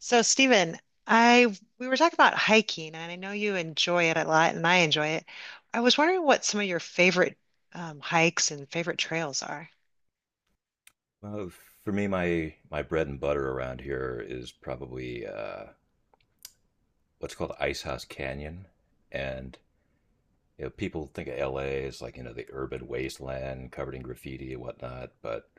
So, Stephen, I we were talking about hiking, and I know you enjoy it a lot, and I enjoy it. I was wondering what some of your favorite hikes and favorite trails are. Well, for me, my bread and butter around here is probably what's called Ice House Canyon, and you know people think of L.A. as like you know the urban wasteland covered in graffiti and whatnot, but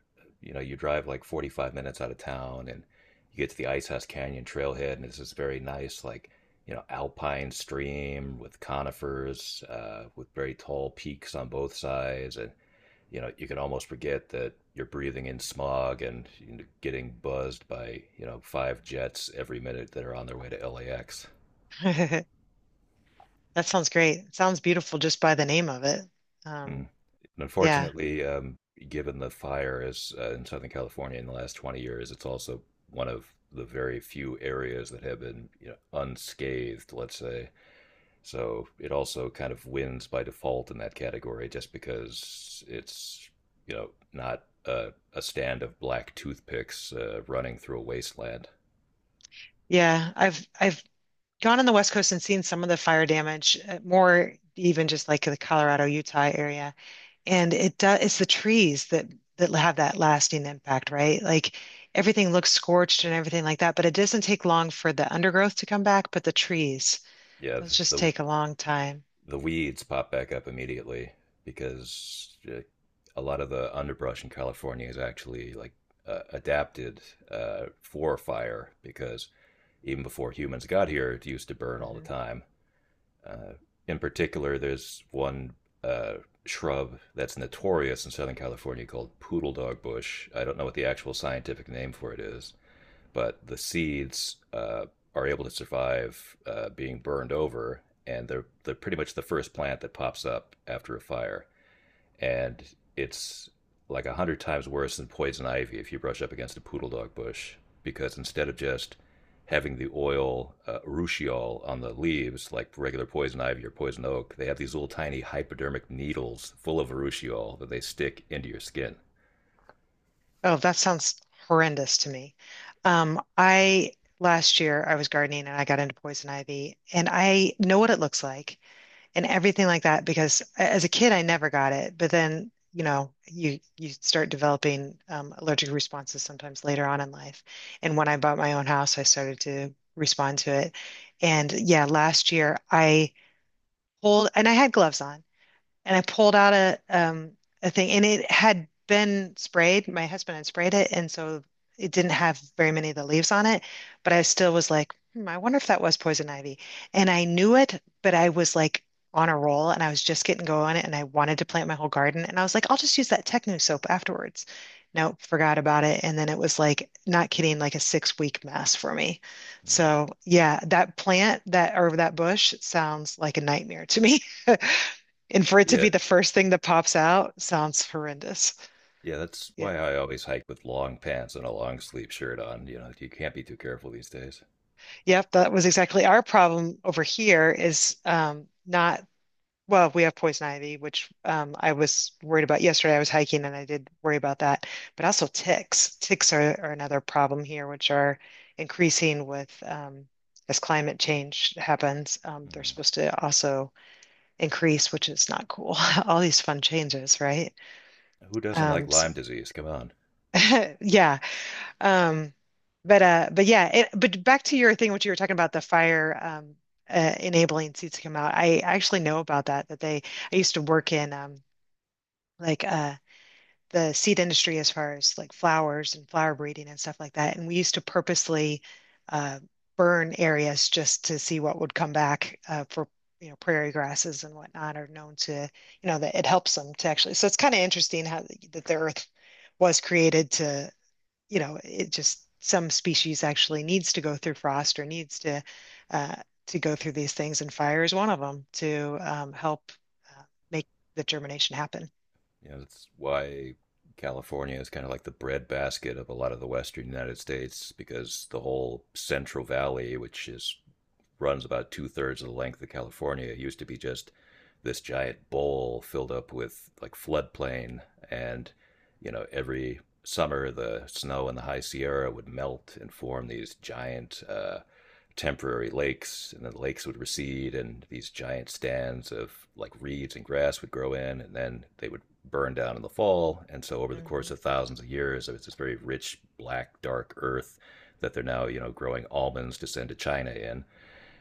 you know you drive like 45 minutes out of town and you get to the Ice House Canyon trailhead, and it's this very nice like you know alpine stream with conifers, with very tall peaks on both sides, and you know you can almost forget that you're breathing in smog and getting buzzed by you know five jets every minute that are on their way to LAX. That sounds great. It sounds beautiful just by the name of it. Mm. And Um, yeah, unfortunately, given the fires in Southern California in the last 20 years, it's also one of the very few areas that have been, you know, unscathed, let's say, so it also kind of wins by default in that category just because it's, you know, not a stand of black toothpicks running through a wasteland. yeah. I've gone on the West Coast and seen some of the fire damage, more even just like the Colorado, Utah area. And it does, it's the trees that have that lasting impact, right? Like everything looks scorched and everything like that, but it doesn't take long for the undergrowth to come back, but the trees, Yeah, those just the, take a long time. the weeds pop back up immediately because a lot of the underbrush in California is actually like adapted for fire because even before humans got here, it used to burn all the hmm time. Uh, in particular, there's one uh, shrub that's notorious in Southern California called poodle dog bush. I don't know what the actual scientific name for it is, but the seeds are able to survive being burned over, and they're pretty much the first plant that pops up after a fire, and it's like 100 times worse than poison ivy if you brush up against a poodle dog bush because instead of just having the oil urushiol on the leaves like regular poison ivy or poison oak, they have these little tiny hypodermic needles full of urushiol that they stick into your skin. Oh, that sounds horrendous to me. I Last year I was gardening and I got into poison ivy and I know what it looks like, and everything like that because as a kid I never got it, but then you know, you start developing allergic responses sometimes later on in life. And when I bought my own house, I started to respond to it. And yeah, last year I pulled, and I had gloves on, and I pulled out a thing, and it had been sprayed. My husband had sprayed it, and so it didn't have very many of the leaves on it, but I still was like, hmm, I wonder if that was poison ivy. And I knew it, but I was like on a roll and I was just getting going and I wanted to plant my whole garden, and I was like, I'll just use that Techno soap afterwards. Nope, forgot about it. And then it was like, not kidding, like a 6-week mess for me. Mm. So yeah, that plant that or that bush sounds like a nightmare to me. And for it to be yet the first thing that pops out sounds horrendous. Yeah, that's Yeah. why I always hike with long pants and a long sleeve shirt on. You know, you can't be too careful these days. Yep, that was exactly our problem over here is not, well, we have poison ivy, which I was worried about yesterday. I was hiking and I did worry about that. But also ticks. Ticks are another problem here, which are increasing with as climate change happens. They're Hmm. supposed to also increase, which is not cool. All these fun changes, right? Who doesn't like Lyme S disease? Come on. yeah. Um, but yeah, but back to your thing, what you were talking about, the fire enabling seeds to come out. I actually know about that. I used to work in like uh, the seed industry as far as like flowers and flower breeding and stuff like that. And we used to purposely uh, burn areas just to see what would come back for you know prairie grasses and whatnot are known to you know that it helps them to actually. So it's kind of interesting how that the earth was created to, you know, it just some species actually needs to go through frost or needs uh, to go through these things, and fire is one of them to help uh, make the germination happen. You know, that's why California is kind of like the breadbasket of a lot of the Western United States because the whole Central Valley, which is runs about two-thirds of the length of California. It used to be just this giant bowl filled up with like floodplain, and you know every summer the snow in the High Sierra would melt and form these giant temporary lakes, and then the lakes would recede, and these giant stands of like reeds and grass would grow in, and then they would burn down in the fall. And so over the course hmm of thousands of years, it was this very rich, black, dark earth that they're now you know growing almonds to send to China in.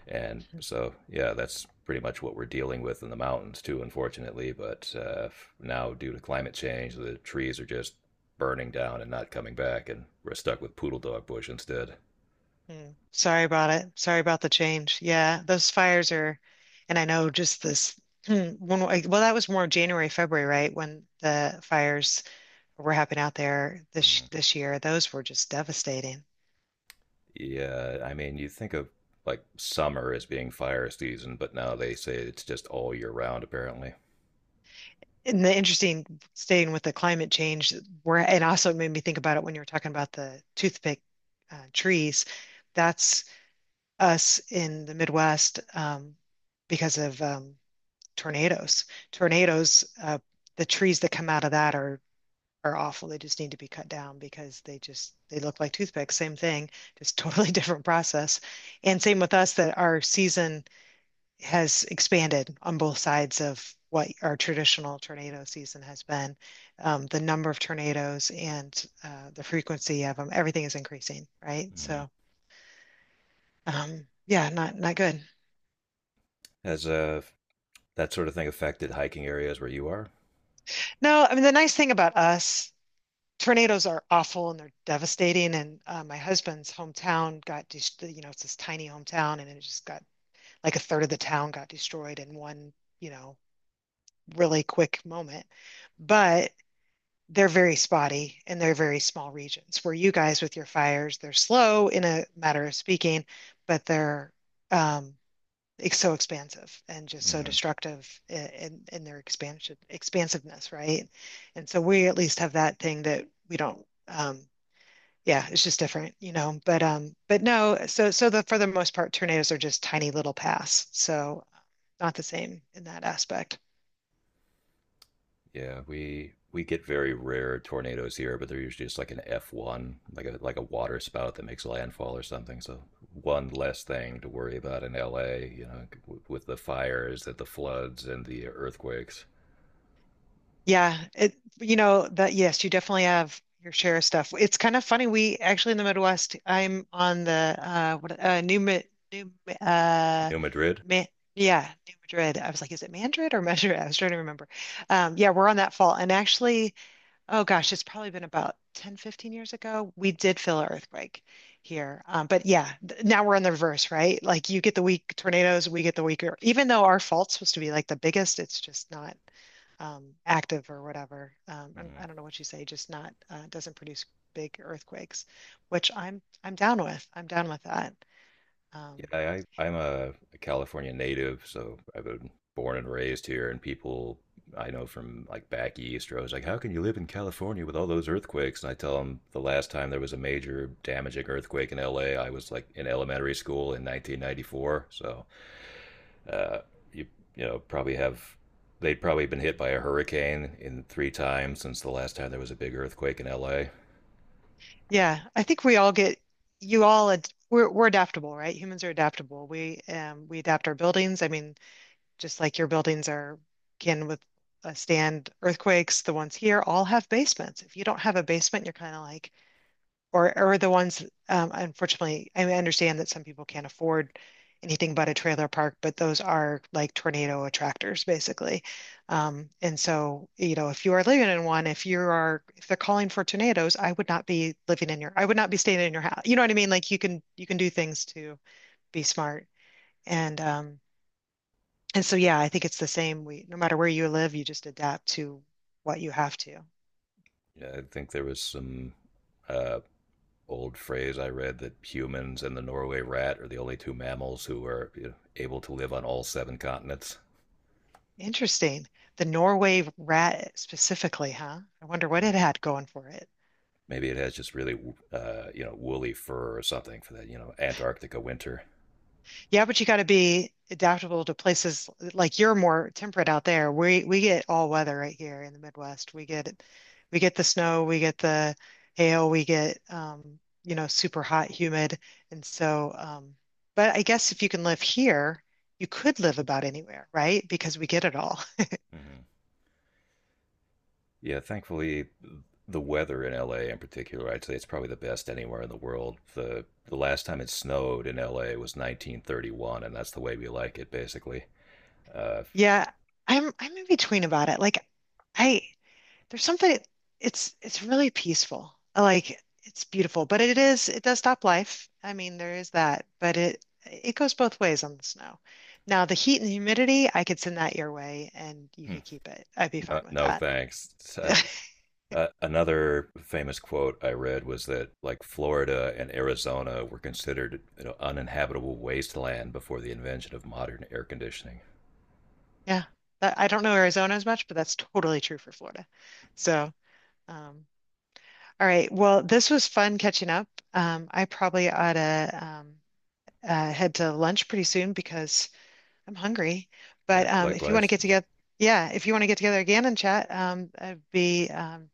And so, yeah, that's pretty much what we're dealing with in the mountains too, unfortunately. But now, due to climate change, the trees are just burning down and not coming back, and we're stuck with poodle dog bush instead. Mm. Sorry about it. Sorry about the change. Yeah, those fires are, and I know just this one. Well, that was more January, February, right? When the fires were happening out there Mhm. this year, those were just devastating. Yeah, I mean, you think of like summer as being fire season, but now they say it's just all year round, apparently. And the interesting, staying with the climate change, where, and also it made me think about it when you were talking about the toothpick trees. That's us in the Midwest, because of tornadoes. Tornadoes, uh, the trees that come out of that are awful. They just need to be cut down because they look like toothpicks. Same thing, just totally different process. And same with us that our season has expanded on both sides of what our traditional tornado season has been. The number of tornadoes and the frequency of them, everything is increasing, right? Mhm. Yeah, not, not good. Has that sort of thing affected hiking areas where you are? No, I mean the nice thing about us, tornadoes are awful and they're devastating. And my husband's hometown got, you know, it's this tiny hometown, and it just got like a third of the town got destroyed in one, you know, really quick moment. But they're very spotty and they're very small regions, where you guys with your fires, they're slow in a matter of speaking, but they're um, it's so expansive and just so Hmm. destructive in, their expansion expansiveness, right? And so we at least have that thing that we don't yeah, it's just different, you know. But no, so so the for the most part, tornadoes are just tiny little paths. So not the same in that aspect. Yeah, we get very rare tornadoes here, but they're usually just like an F1, like a water spout that makes landfall or something. So one less thing to worry about in LA, you know, with the fires and the floods and the earthquakes. Yeah, it, you know that, yes, you definitely have your share of stuff. It's kind of funny. We actually in the Midwest, I'm on the what New Ma- New Ma- New Madrid? Ma yeah, New Madrid. I was like, is it Madrid or Madrid? I was trying to remember. Yeah, we're on that fault. And actually, oh gosh, it's probably been about 10, 15 years ago. We did feel an earthquake here. But yeah, now we're in the reverse, right? Like you get the weak tornadoes, we get the weaker. Even though our fault's supposed to be like the biggest, it's just not active or whatever. Mhm. I don't know what you say, just not doesn't produce big earthquakes, which I'm down with. I'm down with that. Um, Yeah, I'm a California native, so I've been born and raised here. And people I know from like back east are always like, "How can you live in California with all those earthquakes?" And I tell them the last time there was a major damaging earthquake in LA, I was like in elementary school in 1994. So uh, you know probably have they'd probably been hit by a hurricane in three times since the last time there was a big earthquake in LA. yeah, I think we all get, you all ad we're adaptable, right? Humans are adaptable. We adapt our buildings. I mean, just like your buildings are can with stand earthquakes, the ones here all have basements. If you don't have a basement, you're kind of like, or the ones, unfortunately, I understand that some people can't afford anything but a trailer park, but those are like tornado attractors, basically. And so, you know, if you are living in one, if you are, if they're calling for tornadoes, I would not be living in your, I would not be staying in your house. You know what I mean? Like you can do things to be smart. And um, and So, yeah, I think it's the same. We, no matter where you live, you just adapt to what you have to. Yeah, I think there was some uh, old phrase I read that humans and the Norway rat are the only two mammals who are, you know, able to live on all 7 continents. Interesting. The Norway rat specifically, huh? I wonder what Mm. it had going for it. Maybe it has just really, you know, woolly fur or something for that, you know, Antarctica winter. Yeah, but you got to be adaptable to places, like you're more temperate out there. We get all weather right here in the Midwest. We get, the snow, we get the hail, we get, you know, super hot, humid. And so But I guess if you can live here, you could live about anywhere, right? Because we get it all. Mm-hmm. Yeah, thankfully, the weather in LA in particular, I'd say it's probably the best anywhere in the world. The last time it snowed in LA was 1931, and that's the way we like it, basically. Uh, Yeah, I'm in between about it. Like I There's something, it's really peaceful. I like it's beautiful, but it is, it does stop life. I mean, there is that, but it goes both ways on the snow. Now, the heat and humidity, I could send that your way and you Hmm. could keep it. I'd be No, fine with no, that. thanks. Another famous quote I read was that like Florida and Arizona were considered, you know, uninhabitable wasteland before the invention of modern air conditioning. Yeah. That- I don't know Arizona as much, but that's totally true for Florida. So, um, all right. Well, this was fun catching up. I probably ought to head to lunch pretty soon because I'm hungry, Yeah, but if you want to likewise. get Yeah, together, yeah, if you want to get together again and chat,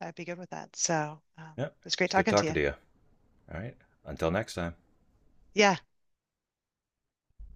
I'd be good with that. Yeah, It's great it's good talking to talking you. to you. All right, until next time. Yeah.